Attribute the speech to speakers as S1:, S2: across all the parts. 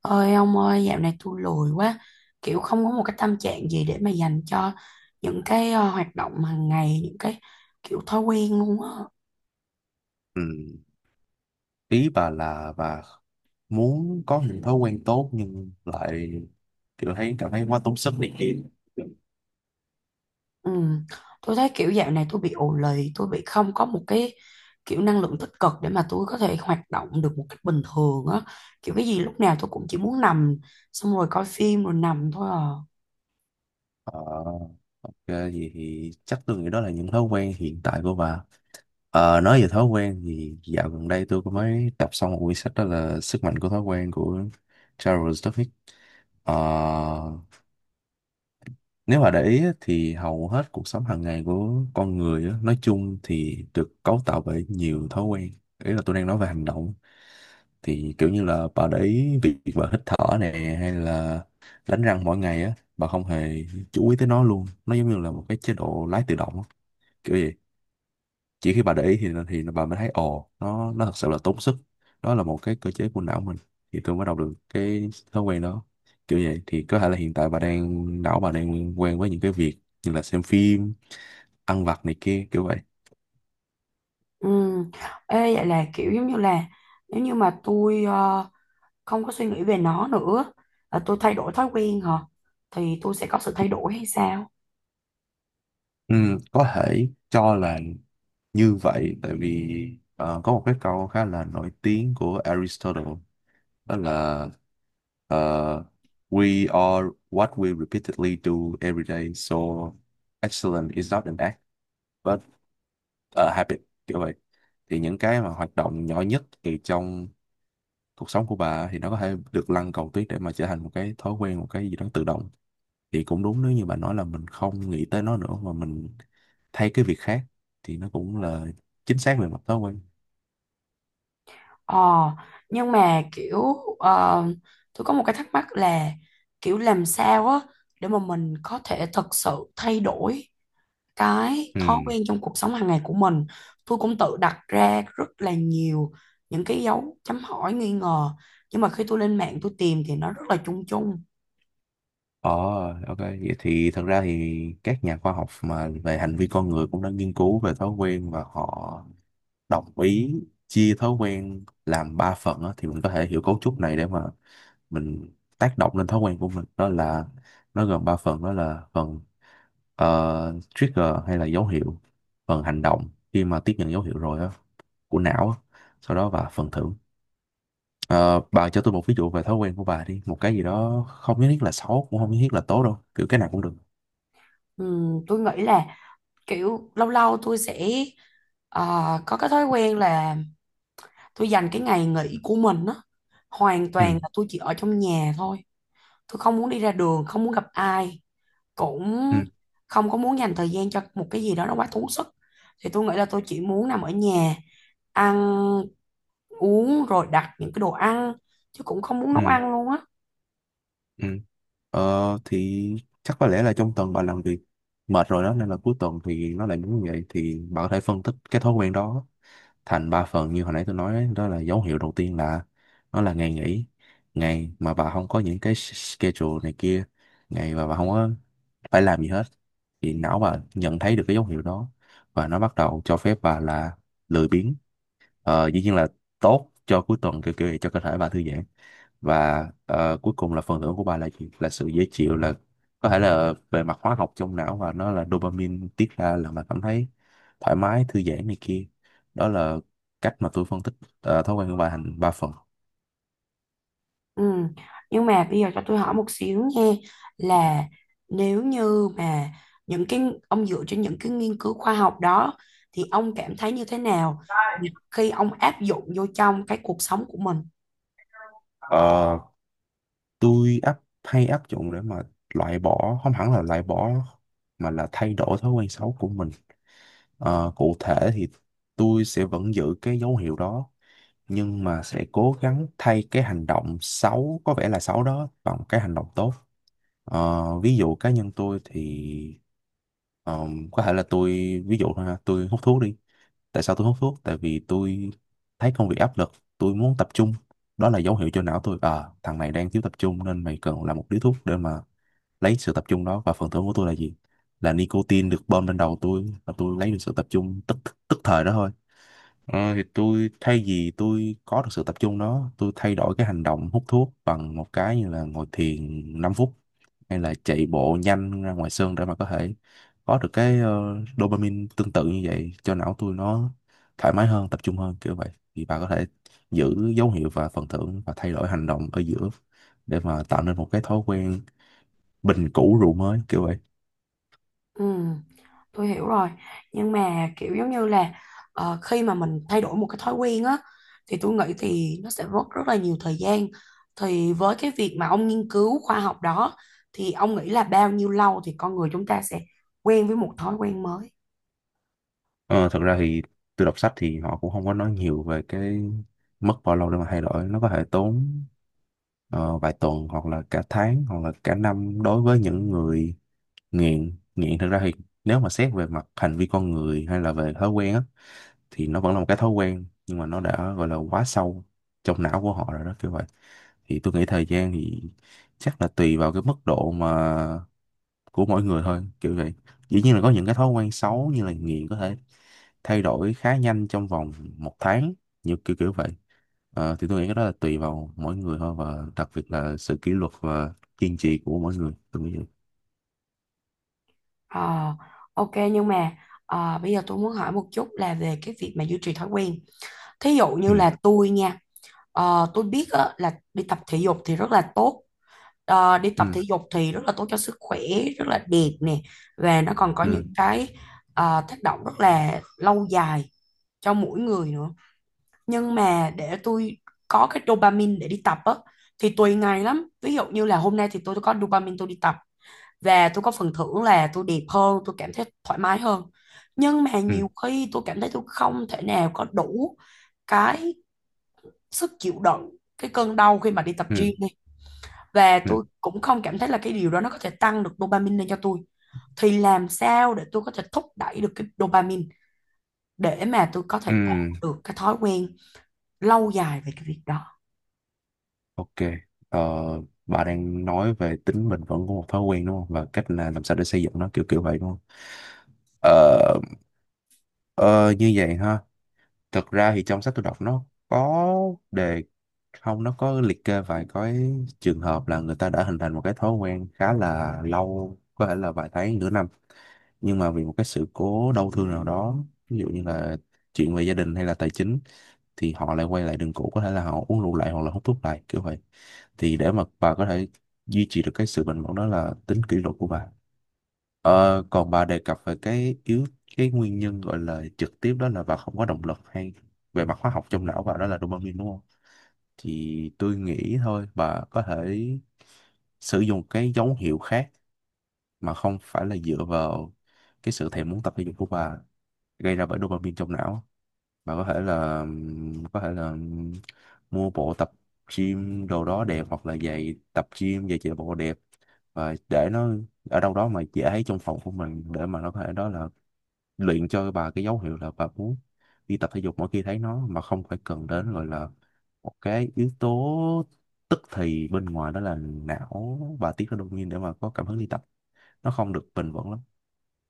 S1: Ơi ông ơi, dạo này tôi lười quá, kiểu không có một cái tâm trạng gì để mà dành cho những cái hoạt động hàng ngày, những cái kiểu thói quen luôn á.
S2: Ừ. Ý bà là bà muốn có những thói quen tốt nhưng lại kiểu cảm thấy quá tốn sức này kia.
S1: Ừ. Tôi thấy kiểu dạo này tôi bị ù lì, tôi bị không có một cái kiểu năng lượng tích cực để mà tôi có thể hoạt động được một cách bình thường á. Kiểu cái gì lúc nào tôi cũng chỉ muốn nằm, xong rồi coi phim rồi nằm thôi à.
S2: Ờ, ok, vậy thì chắc tôi nghĩ đó là những thói quen hiện tại của bà. Nói về thói quen thì dạo gần đây tôi có mới đọc xong một quyển sách đó là Sức mạnh của thói quen của Charles Duhigg. Ờ, Nếu mà để ý á, thì hầu hết cuộc sống hàng ngày của con người á, nói chung thì được cấu tạo bởi nhiều thói quen. Ý là tôi đang nói về hành động. Thì kiểu như là bà để ý việc bà hít thở nè hay là đánh răng mỗi ngày á, bà không hề chú ý tới nó luôn. Nó giống như là một cái chế độ lái tự động á, kiểu vậy, chỉ khi bà để ý thì bà mới thấy ồ nó thật sự là tốn sức, đó là một cái cơ chế của não mình thì tôi mới đọc được cái thói quen đó kiểu vậy, thì có thể là hiện tại bà đang não bà đang quen với những cái việc như là xem phim, ăn vặt này kia kiểu vậy.
S1: Ừ. Ê, vậy là kiểu giống như là nếu như mà tôi không có suy nghĩ về nó nữa, à, tôi thay đổi thói quen hả, thì tôi sẽ có sự thay đổi hay sao?
S2: Ừ, có thể cho là như vậy, tại vì có một cái câu khá là nổi tiếng của Aristotle, đó là ờ, we are what we repeatedly do every day, so excellence is not an act và habit, kiểu vậy. Thì những cái mà hoạt động nhỏ nhất thì trong cuộc sống của bà thì nó có thể được lăn cầu tuyết để mà trở thành một cái thói quen, một cái gì đó tự động, thì cũng đúng nếu như bà nói là mình không nghĩ tới nó nữa mà mình thay cái việc khác thì nó cũng là chính xác về mặt thói quen.
S1: Ờ nhưng mà kiểu ờ, tôi có một cái thắc mắc là kiểu làm sao á để mà mình có thể thật sự thay đổi cái
S2: Ừ.
S1: thói quen trong cuộc sống hàng ngày của mình. Tôi cũng tự đặt ra rất là nhiều những cái dấu chấm hỏi nghi ngờ, nhưng mà khi tôi lên mạng tôi tìm thì nó rất là chung chung.
S2: ờ ok, vậy thì thật ra thì các nhà khoa học mà về hành vi con người cũng đã nghiên cứu về thói quen, và họ đồng ý chia thói quen làm ba phần á, thì mình có thể hiểu cấu trúc này để mà mình tác động lên thói quen của mình, đó là nó gồm ba phần, đó là phần trigger hay là dấu hiệu, phần hành động khi mà tiếp nhận dấu hiệu rồi á của não á, sau đó, và phần thưởng. Ờ, bà cho tôi một ví dụ về thói quen của bà đi, một cái gì đó không nhất thiết là xấu cũng không nhất thiết là tốt đâu, kiểu cái nào cũng được.
S1: Tôi nghĩ là kiểu lâu lâu tôi sẽ ờ, có cái thói quen là tôi dành cái ngày nghỉ của mình á, hoàn
S2: Ừ.
S1: toàn là tôi chỉ ở trong nhà thôi. Tôi không muốn đi ra đường, không muốn gặp ai, cũng
S2: Ừ.
S1: không có muốn dành thời gian cho một cái gì đó nó quá tốn sức. Thì tôi nghĩ là tôi chỉ muốn nằm ở nhà, ăn uống rồi đặt những cái đồ ăn, chứ cũng không muốn nấu
S2: Ừ.
S1: ăn luôn á.
S2: Ừ. Thì chắc có lẽ là trong tuần bà làm việc mệt rồi đó nên là cuối tuần thì nó lại muốn như vậy, thì bà có thể phân tích cái thói quen đó thành ba phần như hồi nãy tôi nói ấy, đó là dấu hiệu đầu tiên là nó là ngày nghỉ, ngày mà bà không có những cái schedule này kia, ngày mà bà không có phải làm gì hết, thì não bà nhận thấy được cái dấu hiệu đó và nó bắt đầu cho phép bà là lười biếng. Dĩ nhiên là tốt cho cuối tuần kiểu kiểu vậy, cho cơ thể bà thư giãn. Và cuối cùng là phần thưởng của bà là gì, là sự dễ chịu, là có thể là về mặt hóa học trong não, và nó là dopamine tiết ra là mà cảm thấy thoải mái thư giãn này kia. Đó là cách mà tôi phân tích thói quen của bà thành ba phần.
S1: Ừ. Nhưng mà bây giờ cho tôi hỏi một xíu nha, là nếu như mà những cái ông dựa trên những cái nghiên cứu khoa học đó, thì ông cảm thấy như thế nào khi ông áp dụng vô trong cái cuộc sống của mình?
S2: Ờ, tôi áp dụng để mà loại bỏ, không hẳn là loại bỏ mà là thay đổi thói quen xấu của mình. Cụ thể thì tôi sẽ vẫn giữ cái dấu hiệu đó nhưng mà sẽ cố gắng thay cái hành động xấu có vẻ là xấu đó bằng cái hành động tốt. Ví dụ cá nhân tôi thì có thể là tôi, ví dụ thôi ha, tôi hút thuốc đi. Tại sao tôi hút thuốc, tại vì tôi thấy công việc áp lực, tôi muốn tập trung, đó là dấu hiệu cho não tôi à thằng này đang thiếu tập trung nên mày cần làm một điếu thuốc để mà lấy sự tập trung đó, và phần thưởng của tôi là gì, là nicotine được bơm lên đầu tôi và tôi lấy được sự tập trung tức tức thời đó thôi. Thì tôi thay vì tôi có được sự tập trung đó, tôi thay đổi cái hành động hút thuốc bằng một cái như là ngồi thiền 5 phút hay là chạy bộ nhanh ra ngoài sân để mà có thể có được cái dopamine tương tự như vậy cho não tôi, nó thoải mái hơn, tập trung hơn kiểu vậy. Thì bà có thể giữ dấu hiệu và phần thưởng và thay đổi hành động ở giữa để mà tạo nên một cái thói quen, bình cũ rượu mới kiểu vậy.
S1: Ừ, tôi hiểu rồi. Nhưng mà kiểu giống như là, khi mà mình thay đổi một cái thói quen á thì tôi nghĩ thì nó sẽ mất rất là nhiều thời gian. Thì với cái việc mà ông nghiên cứu khoa học đó, thì ông nghĩ là bao nhiêu lâu thì con người chúng ta sẽ quen với một thói quen mới?
S2: Ờ, Thật ra thì tôi đọc sách thì họ cũng không có nói nhiều về cái mất bao lâu để mà thay đổi. Nó có thể tốn vài tuần hoặc là cả tháng hoặc là cả năm đối với những người nghiện. Nghiện thật ra thì nếu mà xét về mặt hành vi con người hay là về thói quen á, thì nó vẫn là một cái thói quen nhưng mà nó đã gọi là quá sâu trong não của họ rồi đó kiểu vậy. Thì tôi nghĩ thời gian thì chắc là tùy vào cái mức độ mà của mỗi người thôi kiểu vậy, dĩ nhiên là có những cái thói quen xấu như là nghiện có thể thay đổi khá nhanh trong vòng một tháng như kiểu kiểu vậy. Thì tôi nghĩ cái đó là tùy vào mỗi người thôi, và đặc biệt là sự kỷ luật và kiên trì của mỗi người, tôi nghĩ vậy.
S1: Ờ, ok, nhưng mà bây giờ tôi muốn hỏi một chút là về cái việc mà duy trì thói quen. Thí dụ như
S2: Ừ.
S1: là tôi nha, tôi biết á, là đi tập thể dục thì rất là tốt. Ờ, đi tập
S2: Ừ.
S1: thể dục thì rất là tốt cho sức khỏe, rất là đẹp nè, và nó còn có những
S2: Ừ.
S1: cái tác động rất là lâu dài cho mỗi người nữa. Nhưng mà để tôi có cái dopamine để đi tập á thì tùy ngày lắm. Ví dụ như là hôm nay thì tôi có dopamine, tôi đi tập về tôi có phần thưởng là tôi đẹp hơn, tôi cảm thấy thoải mái hơn. Nhưng mà
S2: Ừ.
S1: nhiều khi tôi cảm thấy tôi không thể nào có đủ cái sức chịu đựng cái cơn đau khi mà đi tập
S2: Ừ.
S1: gym đi, và
S2: Ừ.
S1: tôi cũng không cảm thấy là cái điều đó nó có thể tăng được dopamine lên cho tôi. Thì làm sao để tôi có thể thúc đẩy được cái dopamine để mà tôi có thể tạo
S2: Ừ.
S1: được cái thói quen lâu dài về cái việc đó?
S2: Ok, ờ, bà đang nói về tính bền vững của một thói quen đúng không, và cách là làm sao để xây dựng nó kiểu kiểu vậy đúng không. ờ, ờ, Như vậy ha, thật ra thì trong sách tôi đọc nó có đề không nó có liệt kê vài cái trường hợp là người ta đã hình thành một cái thói quen khá là lâu, có thể là vài tháng nửa năm, nhưng mà vì một cái sự cố đau thương nào đó, ví dụ như là chuyện về gia đình hay là tài chính, thì họ lại quay lại đường cũ, có thể là họ uống rượu lại hoặc là hút thuốc lại kiểu vậy. Thì để mà bà có thể duy trì được cái sự bình ổn đó là tính kỷ luật của bà. Ờ, Còn bà đề cập về cái nguyên nhân gọi là trực tiếp, đó là bà không có động lực, hay về mặt hóa học trong não bà đó là dopamine đúng không? Thì tôi nghĩ thôi bà có thể sử dụng cái dấu hiệu khác mà không phải là dựa vào cái sự thèm muốn tập thể dục của bà gây ra bởi dopamine trong não. Bà có thể là có thể là mua bộ tập gym đồ đó đẹp hoặc là giày tập gym giày chạy bộ đẹp và để nó ở đâu đó mà dễ thấy trong phòng của mình, để mà nó có thể đó là luyện cho bà cái dấu hiệu là bà muốn đi tập thể dục mỗi khi thấy nó, mà không phải cần đến gọi là một cái yếu tố tức thì bên ngoài, đó là não bà tiết ra dopamine để mà có cảm hứng đi tập, nó không được bền vững lắm.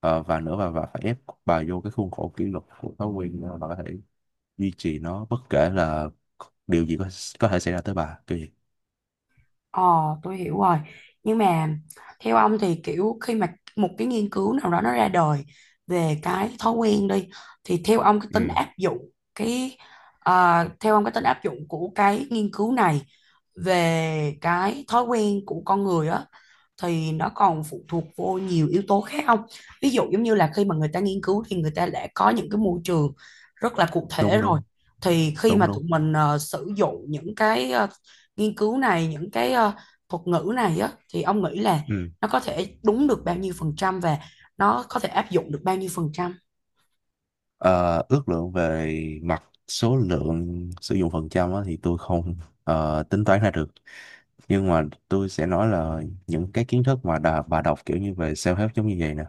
S2: Và nữa bà phải ép bà vô cái khuôn khổ kỷ luật của thói quen để bà có thể duy trì nó bất kể là điều gì có thể xảy ra tới bà kiểu gì.
S1: Ờ, tôi hiểu rồi. Nhưng mà theo ông thì kiểu khi mà một cái nghiên cứu nào đó nó ra đời về cái thói quen đi, thì theo ông cái
S2: Ừ.
S1: tính áp dụng cái à, theo ông cái tính áp dụng của cái nghiên cứu này về cái thói quen của con người á, thì nó còn phụ thuộc vô nhiều yếu tố khác không? Ví dụ giống như là khi mà người ta nghiên cứu thì người ta đã có những cái môi trường rất là cụ thể
S2: Đúng.
S1: rồi.
S2: Đúng.
S1: Thì khi mà
S2: Đúng.
S1: tụi
S2: Đúng.
S1: mình sử dụng những cái nghiên cứu này, những cái thuật ngữ này á, thì ông nghĩ là
S2: Ừ.
S1: nó có thể đúng được bao nhiêu phần trăm, và nó có thể áp dụng được bao nhiêu phần trăm?
S2: Ờ, Ước lượng về mặt số lượng sử dụng phần trăm á, thì tôi không tính toán ra được, nhưng mà tôi sẽ nói là những cái kiến thức mà bà đọc kiểu như về self-help giống như vậy nè,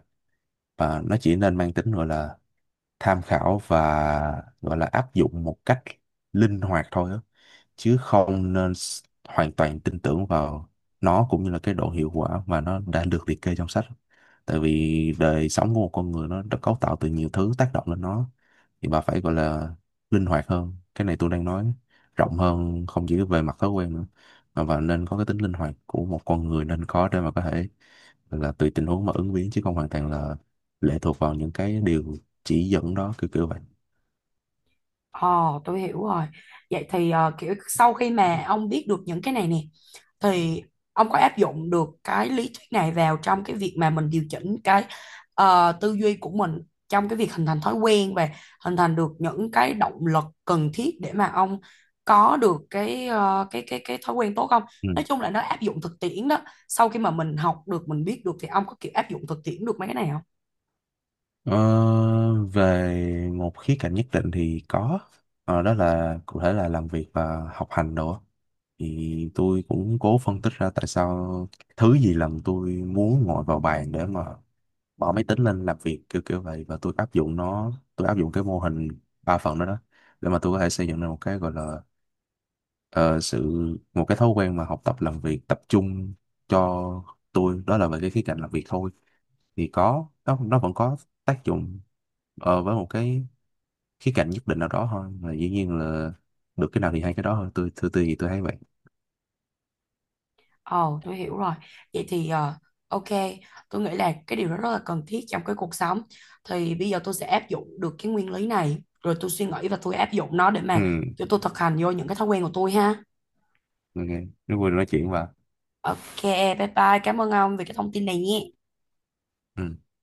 S2: và nó chỉ nên mang tính gọi là tham khảo và gọi là áp dụng một cách linh hoạt thôi á, chứ không nên hoàn toàn tin tưởng vào nó, cũng như là cái độ hiệu quả mà nó đã được liệt kê trong sách. Tại vì đời sống của một con người nó đã cấu tạo từ nhiều thứ tác động lên nó, thì bà phải gọi là linh hoạt hơn, cái này tôi đang nói rộng hơn không chỉ về mặt thói quen nữa, mà và nên có cái tính linh hoạt của một con người nên có để mà có thể là tùy tình huống mà ứng biến, chứ không hoàn toàn là lệ thuộc vào những cái điều chỉ dẫn đó kiểu kiểu vậy.
S1: Ồ, tôi hiểu rồi. Vậy thì kiểu sau khi mà ông biết được những cái này nè, thì ông có áp dụng được cái lý thuyết này vào trong cái việc mà mình điều chỉnh cái tư duy của mình trong cái việc hình thành thói quen, và hình thành được những cái động lực cần thiết để mà ông có được cái thói quen tốt không? Nói chung là nó áp dụng thực tiễn đó. Sau khi mà mình học được, mình biết được, thì ông có kiểu áp dụng thực tiễn được mấy cái này không?
S2: Ờ, Về một khía cạnh nhất định thì có. Đó là cụ thể là làm việc và học hành đồ á. Thì tôi cũng cố phân tích ra tại sao thứ gì làm tôi muốn ngồi vào bàn để mà bỏ máy tính lên làm việc kiểu kiểu vậy, và tôi áp dụng nó, tôi áp dụng cái mô hình ba phần đó đó, để mà tôi có thể xây dựng ra một cái gọi là ờ, sự một cái thói quen mà học tập làm việc tập trung cho tôi, đó là về cái khía cạnh làm việc thôi. Thì có, nó vẫn có tác dụng với một cái khía cạnh nhất định nào đó thôi, và dĩ nhiên là được cái nào thì hay cái đó thôi, tôi thì tôi thấy vậy.
S1: Ồ, tôi hiểu rồi. Vậy thì ok, tôi nghĩ là cái điều đó rất là cần thiết trong cái cuộc sống. Thì bây giờ tôi sẽ áp dụng được cái nguyên lý này, rồi tôi suy nghĩ và tôi áp dụng nó để
S2: Ừ.
S1: mà cho tôi thực hành vô những cái thói quen của tôi ha.
S2: Ok, rất vui được nói chuyện và.
S1: Ok, bye bye. Cảm ơn ông vì cái thông tin này nhé.
S2: Ừ.